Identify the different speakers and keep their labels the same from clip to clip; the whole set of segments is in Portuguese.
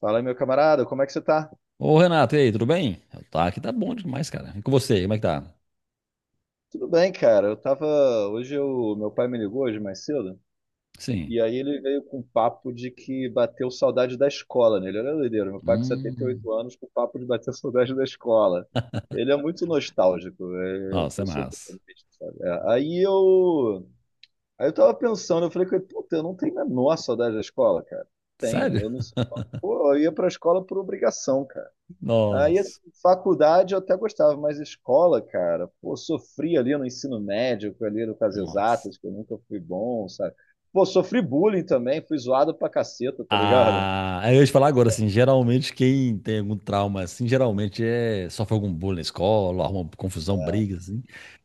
Speaker 1: Fala, meu camarada, como é que você tá?
Speaker 2: Ô, Renato, e aí, tudo bem? Tá, aqui tá bom demais, cara. E com você, como é que tá?
Speaker 1: Tudo bem, cara. Eu tava. Hoje eu... meu pai me ligou hoje mais cedo.
Speaker 2: Sim.
Speaker 1: E aí ele veio com um papo de que bateu saudade da escola nele. Olha a doideira, meu pai com
Speaker 2: Hum.
Speaker 1: 78 anos com papo de bater saudade da escola. Ele é muito nostálgico, é a
Speaker 2: Nossa, é
Speaker 1: pessoa
Speaker 2: massa.
Speaker 1: totalmente, sabe? Aí eu tava pensando, eu falei com ele, puta, eu não tenho a menor saudade da escola, cara. Tenho,
Speaker 2: Sério?
Speaker 1: eu não sei. Pô, eu ia pra escola por obrigação, cara. Aí,
Speaker 2: Nossa.
Speaker 1: assim, faculdade eu até gostava, mas escola, cara, pô, sofri ali no ensino médio, ali no Cas
Speaker 2: Nossa.
Speaker 1: Exatas, que eu nunca fui bom, sabe? Pô, sofri bullying também, fui zoado pra caceta, tá ligado?
Speaker 2: Ah, aí eu ia te falar agora, assim, geralmente quem tem algum trauma, assim, geralmente sofre algum bullying na escola, arruma confusão, briga, assim.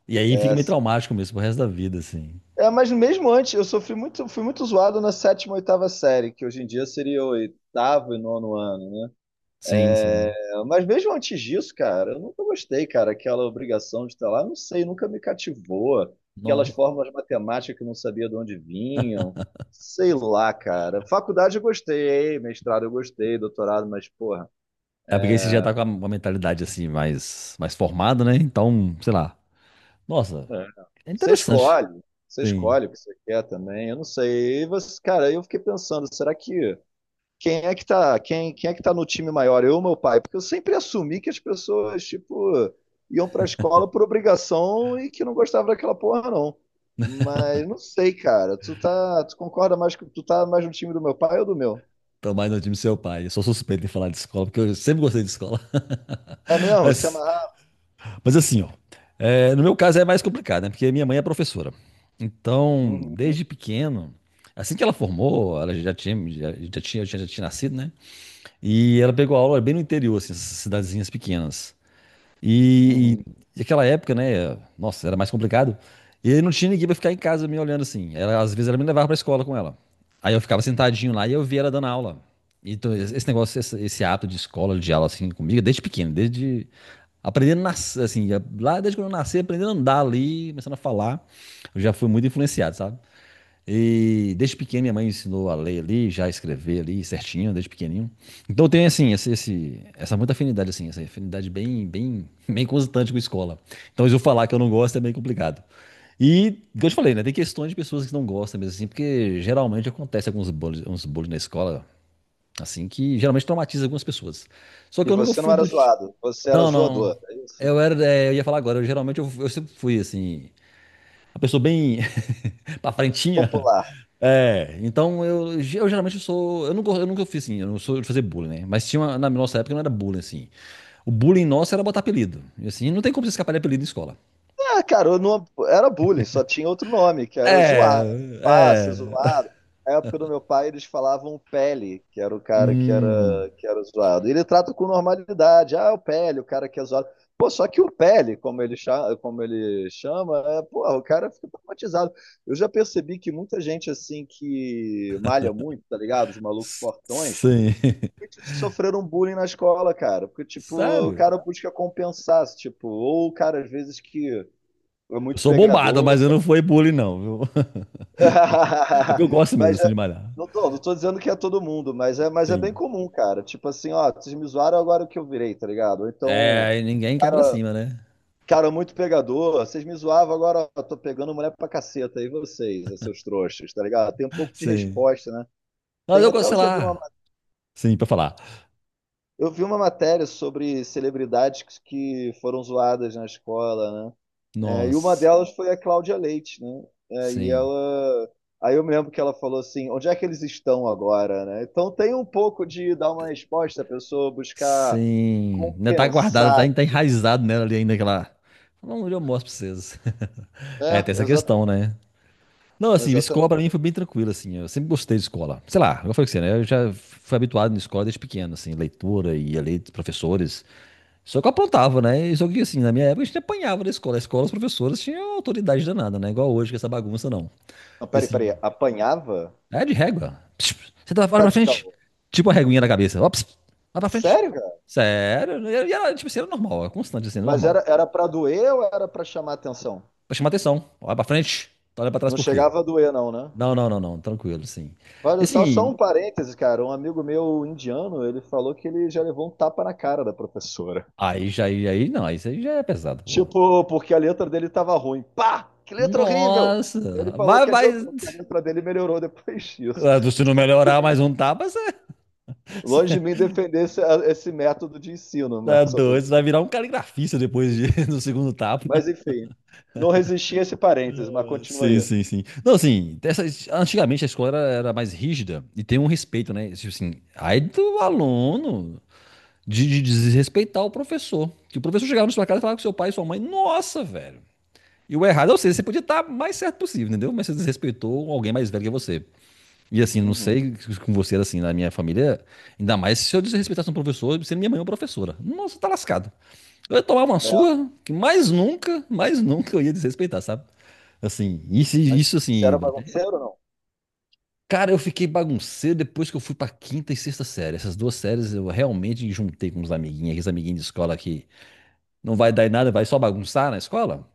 Speaker 2: E aí fica
Speaker 1: É,
Speaker 2: meio traumático mesmo pro resto da vida, assim.
Speaker 1: é, mas mesmo antes, eu sofri muito, fui muito zoado na sétima, oitava série, que hoje em dia seria o oitavo e nono ano.
Speaker 2: Sim,
Speaker 1: É,
Speaker 2: sim.
Speaker 1: mas mesmo antes disso, cara, eu nunca gostei, cara, aquela obrigação de estar lá, não sei, nunca me cativou. Aquelas
Speaker 2: Nó.
Speaker 1: fórmulas matemáticas que eu não sabia de onde vinham, sei lá, cara. Faculdade eu gostei, mestrado eu gostei, doutorado, mas, porra,
Speaker 2: É porque aí você já tá com uma mentalidade, assim, mais, mais formada, né? Então, sei lá. Nossa,
Speaker 1: é,
Speaker 2: é
Speaker 1: você
Speaker 2: interessante.
Speaker 1: escolhe, você
Speaker 2: Sim.
Speaker 1: escolhe o que você quer também, eu não sei. E você, cara, eu fiquei pensando, será que quem é que tá no time maior, eu ou meu pai? Porque eu sempre assumi que as pessoas, tipo, iam pra escola por obrigação e que não gostavam daquela porra, não. Mas não sei, cara. Tu concorda mais que tu tá mais no time do meu pai ou do meu?
Speaker 2: Tô mais no time do seu pai. Eu sou suspeito em falar de escola, porque eu sempre gostei de escola.
Speaker 1: É mesmo? Se
Speaker 2: Mas,
Speaker 1: amarrar.
Speaker 2: mas assim, ó. É, no meu caso é mais complicado, né? Porque minha mãe é professora. Então,
Speaker 1: Uhum,
Speaker 2: desde pequeno, assim que ela formou, ela já tinha, já, já tinha nascido, né? E ela pegou aula bem no interior, assim, essas cidadezinhas pequenas. E,
Speaker 1: uhum.
Speaker 2: e naquela época, né? Nossa, era mais complicado. E aí não tinha ninguém pra ficar em casa me olhando assim. Ela, às vezes ela me levava pra escola com ela. Aí eu ficava sentadinho lá e eu via ela dando aula. Então, esse negócio, esse hábito de escola, de aula assim comigo, desde pequeno, desde aprendendo a assim, lá desde quando eu nasci, aprendendo a andar ali, começando a falar, eu já fui muito influenciado, sabe? E desde pequeno minha mãe me ensinou a ler ali, já escrever ali certinho, desde pequenininho. Então eu tenho assim, esse, essa muita afinidade assim, essa afinidade bem, bem, bem constante com escola. Então se eu falar que eu não gosto é bem complicado. E, como eu te falei, né, tem questões de pessoas que não gostam mesmo assim, porque geralmente acontece uns bullying na escola, assim, que geralmente traumatiza algumas pessoas. Só que
Speaker 1: E
Speaker 2: eu nunca
Speaker 1: você não
Speaker 2: fui
Speaker 1: era
Speaker 2: do...
Speaker 1: zoado, você era
Speaker 2: Não, não.
Speaker 1: zoador, é isso?
Speaker 2: Eu era, é, eu ia falar agora, eu sempre fui assim, uma pessoa bem pra frentinha,
Speaker 1: Popular.
Speaker 2: é, então eu geralmente sou. Eu nunca fiz assim, eu não sou de fazer bullying, né? Mas tinha na nossa época não era bullying, assim. O bullying nosso era botar apelido. E assim, não tem como você escapar de apelido em escola.
Speaker 1: Ah, cara, eu não, era bullying, só tinha outro nome, que era zoar. Era
Speaker 2: É,
Speaker 1: fácil,
Speaker 2: é.
Speaker 1: zoado. Na época do meu pai, eles falavam Pele, que era o cara que
Speaker 2: Hum,
Speaker 1: era, que era zoado. E ele trata com normalidade. Ah, o Pele, o cara que é zoado. Pô, só que o Pele, como ele chama, é, porra, o cara fica traumatizado. Eu já percebi que muita gente, assim, que malha muito, tá ligado? Os malucos fortões,
Speaker 2: sim.
Speaker 1: muitos sofreram bullying na escola, cara. Porque, tipo, o
Speaker 2: Sério?
Speaker 1: cara busca compensar, tipo, ou o cara, às vezes, que é
Speaker 2: Eu
Speaker 1: muito
Speaker 2: sou bombado,
Speaker 1: pegador.
Speaker 2: mas eu não fui bullying, não, viu? É porque eu gosto mesmo,
Speaker 1: Mas é-
Speaker 2: assim, de malhar.
Speaker 1: não tô dizendo que é todo mundo, mas é bem
Speaker 2: Sim.
Speaker 1: comum, cara. Tipo assim, ó, vocês me zoaram agora é o que eu virei, tá ligado? Ou então,
Speaker 2: É, e ninguém cai pra cima, né?
Speaker 1: cara, muito pegador, vocês me zoavam agora, ó, tô pegando mulher pra caceta, e vocês, seus trouxas, tá ligado? Tem um pouco de
Speaker 2: Sim.
Speaker 1: resposta, né?
Speaker 2: Mas
Speaker 1: Tem
Speaker 2: eu
Speaker 1: até,
Speaker 2: gosto, sei lá. Sim, pra falar.
Speaker 1: eu vi uma matéria sobre celebridades que foram zoadas na escola, né? É, e uma
Speaker 2: Nossa,
Speaker 1: delas foi a Cláudia Leite, né? É, e
Speaker 2: sim.
Speaker 1: ela. Aí eu me lembro que ela falou assim: onde é que eles estão agora, né? Então tem um pouco de dar uma resposta, a pessoa buscar
Speaker 2: Sim, ainda tá guardada, tá,
Speaker 1: compensar,
Speaker 2: tá enraizado nela ali ainda, aquela... Não, eu mostro pra vocês. É,
Speaker 1: né?
Speaker 2: tem essa questão,
Speaker 1: Exatamente.
Speaker 2: né? Não, assim, escola pra
Speaker 1: Exatamente.
Speaker 2: mim foi bem tranquilo, assim, eu sempre gostei de escola. Sei lá, eu falei com você, né? Eu já fui habituado na escola desde pequeno, assim, leitura e a lei dos professores. Só que eu aprontava, né? E só que, assim, na minha época a gente apanhava na escola. A escola, os professores tinham autoridade danada, né? Igual hoje, com essa bagunça, não.
Speaker 1: Não,
Speaker 2: E,
Speaker 1: peraí,
Speaker 2: assim,
Speaker 1: peraí. Apanhava?
Speaker 2: é de régua. Pss, pss. Você tá fora
Speaker 1: Tá
Speaker 2: pra
Speaker 1: de
Speaker 2: frente.
Speaker 1: caô.
Speaker 2: Tipo a reguinha da cabeça. Ó, pss, vai pra frente.
Speaker 1: Sério, cara?
Speaker 2: Sério. E era, tipo assim, era normal. Era constante assim, era
Speaker 1: Mas
Speaker 2: normal.
Speaker 1: era pra doer ou era pra chamar atenção?
Speaker 2: Pra chamar atenção. Olha pra frente. Tu olha pra trás
Speaker 1: Não
Speaker 2: por quê?
Speaker 1: chegava a doer, não, né?
Speaker 2: Não, não, não, não. Tranquilo, sim. E
Speaker 1: Olha só, só
Speaker 2: assim,
Speaker 1: um parêntese, cara. Um amigo meu indiano, ele falou que ele já levou um tapa na cara da professora.
Speaker 2: aí não. Isso aí já é pesado, porra.
Speaker 1: Tipo, porque a letra dele tava ruim. Pá! Que letra horrível! Ele
Speaker 2: Nossa.
Speaker 1: falou
Speaker 2: Vai,
Speaker 1: que
Speaker 2: vai.
Speaker 1: adiantou, que a letra dele melhorou depois disso.
Speaker 2: Ah, se não
Speaker 1: Longe de
Speaker 2: melhorar
Speaker 1: mim,
Speaker 2: mais um tapa, você,
Speaker 1: longe de
Speaker 2: você
Speaker 1: mim defender esse método de ensino, né?
Speaker 2: é doido. Você vai virar um caligrafista depois do segundo tapa.
Speaker 1: Mas enfim, não resisti a esse parênteses, mas continua
Speaker 2: Sim,
Speaker 1: aí.
Speaker 2: sim, sim. Não, assim, dessas, antigamente a escola era, era mais rígida e tem um respeito, né? Tipo assim, aí do aluno de desrespeitar o professor. Que o professor chegava na sua casa e falava com seu pai e sua mãe, nossa, velho. E o errado é você, você podia estar mais certo possível, entendeu? Mas você desrespeitou alguém mais velho que você. E assim, não
Speaker 1: Uhum.
Speaker 2: sei com você, era assim, na minha família, ainda mais se eu desrespeitasse um professor, sendo minha mãe ou professora. Nossa, tá lascado. Eu ia tomar uma
Speaker 1: É,
Speaker 2: surra que mais nunca eu ia desrespeitar, sabe? Assim, isso,
Speaker 1: mas
Speaker 2: isso
Speaker 1: você
Speaker 2: assim.
Speaker 1: era bagunceiro ou não?
Speaker 2: Cara, eu fiquei bagunceiro depois que eu fui pra quinta e sexta série. Essas duas séries eu realmente juntei com uns amiguinhos, aqueles amiguinhos de escola que não vai dar em nada, vai só bagunçar na escola.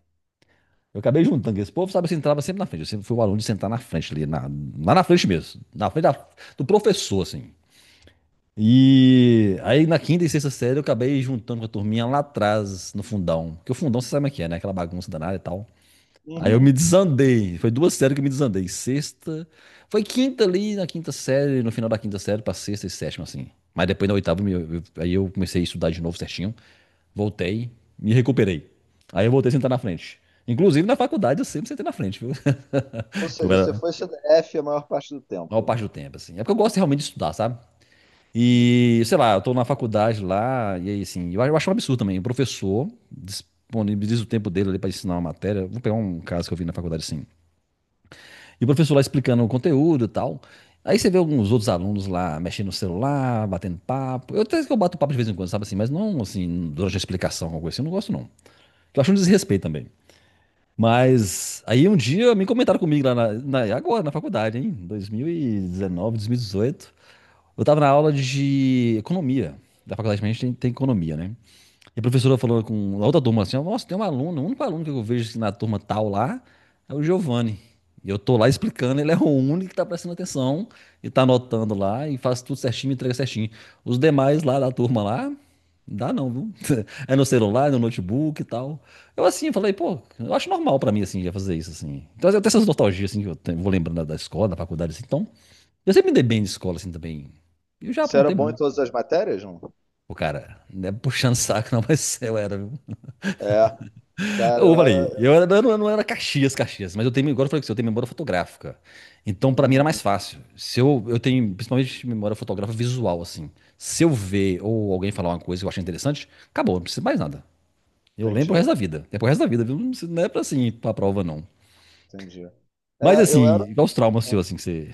Speaker 2: Eu acabei juntando com esse povo, sabe? Eu entrava sempre na frente. Eu sempre fui o aluno de sentar na frente ali, lá na frente mesmo. Na frente do professor, assim. E aí na quinta e sexta série eu acabei juntando com a turminha lá atrás, no fundão. Porque o fundão você sabe como é que é, né? Aquela bagunça danada e tal. Aí eu me
Speaker 1: Uhum.
Speaker 2: desandei. Foi duas séries que eu me desandei. Sexta. Foi quinta ali, na quinta série, no final da quinta série, pra sexta e sétima, assim. Mas depois na oitava, aí eu comecei a estudar de novo certinho. Voltei, me recuperei. Aí eu voltei a sentar na frente. Inclusive na faculdade eu sempre sentei na frente, viu?
Speaker 1: Ou
Speaker 2: Eu
Speaker 1: seja, você
Speaker 2: era a
Speaker 1: foi CDF a maior parte do
Speaker 2: maior
Speaker 1: tempo.
Speaker 2: parte do tempo, assim. É porque eu gosto realmente de estudar, sabe? E, sei lá, eu tô na faculdade lá, e aí, assim, eu acho um absurdo também. O professor disponibiliza o tempo dele ali pra ensinar uma matéria. Vou pegar um caso que eu vi na faculdade, assim. E o professor lá explicando o conteúdo e tal. Aí você vê alguns outros alunos lá mexendo no celular, batendo papo. Eu até que eu bato papo de vez em quando, sabe assim, mas não assim, durante a explicação, alguma coisa assim, eu não gosto não. Eu acho um desrespeito também. Mas aí um dia me comentaram comigo lá agora, na faculdade, hein? 2019, 2018. Eu tava na aula de economia. Da faculdade a gente tem, tem economia, né? E a professora falou com a outra turma assim: ó, nossa, tem um aluno, o único aluno que eu vejo assim, na turma tal lá é o Giovanni. E eu tô lá explicando, ele é o único que tá prestando atenção e tá anotando lá e faz tudo certinho, me entrega certinho. Os demais lá da turma lá, não dá não, viu? É no celular, é no notebook e tal. Eu assim, falei, pô, eu acho normal pra mim assim, já fazer isso assim. Então eu tenho essas nostalgias assim que eu vou lembrando da escola, da faculdade assim. Então, eu sempre me dei bem de escola assim também. E eu já
Speaker 1: Você era
Speaker 2: aprontei
Speaker 1: bom em
Speaker 2: muito.
Speaker 1: todas as matérias, não?
Speaker 2: Pô, cara, não é puxando saco não, mas eu era, viu?
Speaker 1: É, cara,
Speaker 2: Eu
Speaker 1: eu
Speaker 2: falei,
Speaker 1: era.
Speaker 2: eu não era Caxias, Caxias, mas eu tenho, agora eu falei que eu tenho memória fotográfica. Então, pra mim era mais
Speaker 1: Uhum,
Speaker 2: fácil. Se eu, eu tenho, principalmente, memória fotográfica visual, assim. Se eu ver ou alguém falar uma coisa que eu achei interessante, acabou, não preciso mais nada. Eu lembro o resto
Speaker 1: entendi,
Speaker 2: da vida. É pro resto da vida, viu? Não é pra assim, pra prova, não.
Speaker 1: entendi.
Speaker 2: Mas
Speaker 1: É, eu era.
Speaker 2: assim, qual os traumas seus, assim, que você.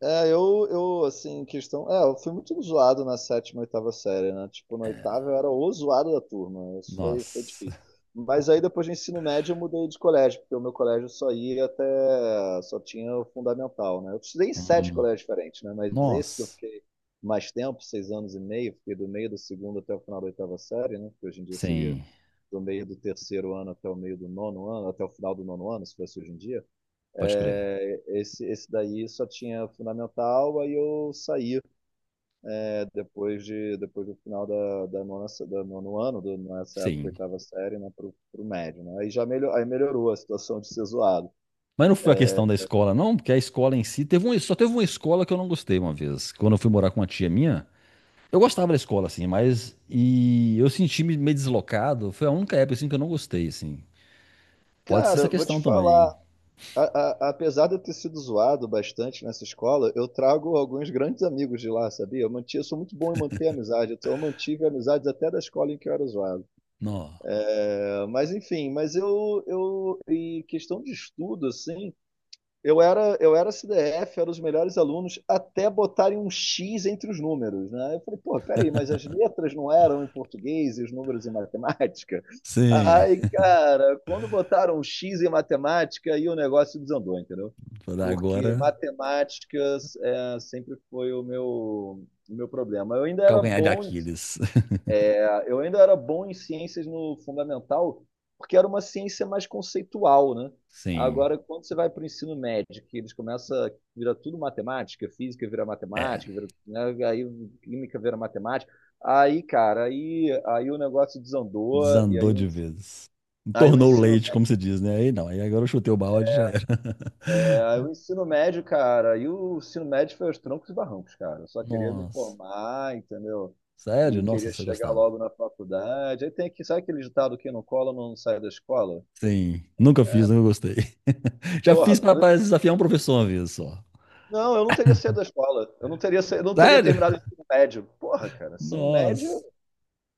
Speaker 1: É, assim, questão. É, eu fui muito zoado na sétima, oitava série, né? Tipo, na oitava eu era o zoado da turma. Isso foi
Speaker 2: Nossa.
Speaker 1: difícil. Mas aí depois do ensino médio eu mudei de colégio, porque o meu colégio só ia até. Só tinha o fundamental, né? Eu estudei em sete
Speaker 2: Hum,
Speaker 1: colégios diferentes, né? Mas esse que eu
Speaker 2: nossa.
Speaker 1: fiquei mais tempo, 6 anos e meio, fiquei do meio do segundo até o final da oitava série, né? Que hoje em dia seria
Speaker 2: Sim,
Speaker 1: do meio do terceiro ano até o meio do nono ano, até o final do nono ano, se fosse hoje em dia.
Speaker 2: pode crer.
Speaker 1: É, esse daí só tinha fundamental, aí eu saí, né, depois do final da nono ano, nessa época,
Speaker 2: Sim.
Speaker 1: oitava série, né, pro médio, né? Aí já melhor, aí melhorou a situação de ser zoado.
Speaker 2: Mas não foi a questão da escola, não, porque a escola em si teve um, só teve uma escola que eu não gostei uma vez. Quando eu fui morar com uma tia minha, eu gostava da escola, assim, mas e eu senti me meio deslocado. Foi a única época assim, que eu não gostei, assim. Pode ser essa
Speaker 1: Cara, vou
Speaker 2: questão
Speaker 1: te
Speaker 2: também.
Speaker 1: falar,
Speaker 2: Hein?
Speaker 1: apesar de eu ter sido zoado bastante nessa escola, eu trago alguns grandes amigos de lá, sabia? Eu sou muito bom em manter amizade, então eu mantive amizades até da escola em que eu era zoado.
Speaker 2: Nó.
Speaker 1: É, mas enfim, mas em questão de estudo, assim, eu era CDF, era os melhores alunos, até botarem um X entre os números, né? Eu falei, pô, peraí, mas as letras não eram em português e os números em matemática?
Speaker 2: Sim.
Speaker 1: Aí, cara, quando botaram um X em matemática, aí o negócio desandou, entendeu?
Speaker 2: Vou dar
Speaker 1: Porque
Speaker 2: agora
Speaker 1: matemáticas sempre foi o meu, problema. Eu ainda era
Speaker 2: calcanhar de
Speaker 1: bom
Speaker 2: Aquiles.
Speaker 1: eu ainda era bom em ciências no fundamental, porque era uma ciência mais conceitual, né?
Speaker 2: Sim.
Speaker 1: Agora, quando você vai para o ensino médio, que eles começam a virar tudo matemática, física vira
Speaker 2: É.
Speaker 1: matemática, vira, né? Aí química vira matemática, aí, cara, aí o negócio desandou,
Speaker 2: Desandou de vez.
Speaker 1: aí o
Speaker 2: Tornou
Speaker 1: ensino,
Speaker 2: leite, como se diz, né? Aí não, aí agora eu chutei o balde e já era.
Speaker 1: aí o ensino médio foi aos troncos e barrancos, cara. Eu só queria me
Speaker 2: Nossa.
Speaker 1: formar, entendeu?
Speaker 2: Sério?
Speaker 1: E
Speaker 2: Nossa,
Speaker 1: queria
Speaker 2: você
Speaker 1: chegar
Speaker 2: gostava.
Speaker 1: logo na faculdade. Sabe aquele ditado que não cola, não sai da escola?
Speaker 2: Sim, nunca fiz, nunca gostei. Já fiz
Speaker 1: Porra,
Speaker 2: pra pra desafiar um professor uma vez só.
Speaker 1: não, eu não teria saído da escola. Eu não teria
Speaker 2: Sério?
Speaker 1: terminado o ensino médio. Porra, cara, ensino médio,
Speaker 2: Nossa.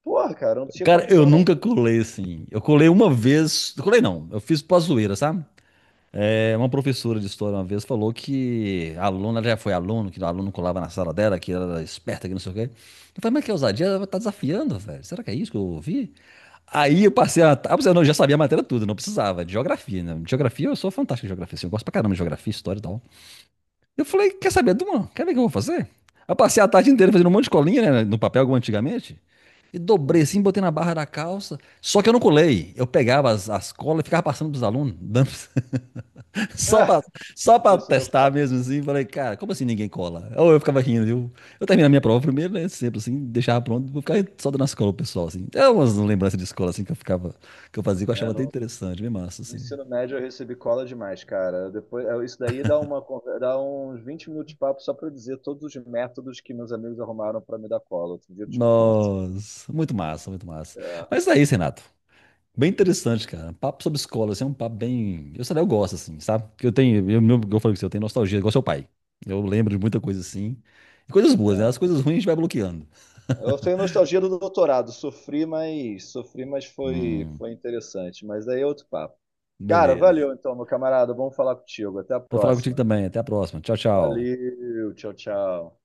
Speaker 1: porra, cara, eu não tinha
Speaker 2: Cara, eu
Speaker 1: condição, não.
Speaker 2: nunca colei assim. Eu colei uma vez. Colei não, eu fiz pra zoeira, sabe? É, uma professora de história uma vez falou que ela já foi aluno, que o aluno colava na sala dela, que ela era esperta, que não sei o quê. Eu falei, mas que ousadia, ela tá desafiando, velho. Será que é isso que eu ouvi? Aí eu passei a. Ah, eu não, eu já sabia a matéria toda, não precisava, de geografia, né? Geografia, eu sou fantástico em geografia, assim, eu gosto pra caramba de geografia, história e tal. Eu falei, quer saber, Duma? Quer ver o que eu vou fazer? Eu passei a tarde inteira fazendo um monte de colinha, né? No papel, como antigamente. E dobrei assim, botei na barra da calça. Só que eu não colei. Eu pegava as colas e ficava passando pros alunos. Dando- só pra,
Speaker 1: Ah,
Speaker 2: só pra
Speaker 1: isso deu
Speaker 2: testar
Speaker 1: cola.
Speaker 2: mesmo assim. Falei, cara, como assim ninguém cola? Ou eu ficava rindo, viu? Eu terminava a minha prova primeiro, né? Sempre assim, deixava pronto. Vou ficar só dando as colas pro pessoal, assim. É umas lembranças de escola, assim, que eu ficava... Que eu fazia, que eu
Speaker 1: É,
Speaker 2: achava até
Speaker 1: no,
Speaker 2: interessante. Bem massa,
Speaker 1: no
Speaker 2: assim.
Speaker 1: ensino médio eu recebi cola demais, cara. Depois, isso daí dá uns 20 minutos de papo só pra eu dizer todos os métodos que meus amigos arrumaram pra me dar cola. Outro dia eu te conto.
Speaker 2: Nossa, muito massa, muito massa.
Speaker 1: É,
Speaker 2: Mas é isso, Renato. Bem interessante, cara. Papo sobre escola, assim, é um papo bem. Eu sei lá, eu gosto, assim, sabe? Porque eu tenho, eu falei com você, eu tenho nostalgia, igual seu pai. Eu lembro de muita coisa assim. E coisas boas, né?
Speaker 1: é.
Speaker 2: As coisas ruins a gente vai bloqueando.
Speaker 1: Eu tenho nostalgia do doutorado, sofri, mas foi,
Speaker 2: Hum,
Speaker 1: foi interessante. Mas daí é outro papo. Cara,
Speaker 2: beleza.
Speaker 1: valeu então, meu camarada. Vamos falar contigo. Até a
Speaker 2: Vou falar contigo
Speaker 1: próxima.
Speaker 2: também. Até a próxima. Tchau, tchau.
Speaker 1: Valeu, tchau, tchau.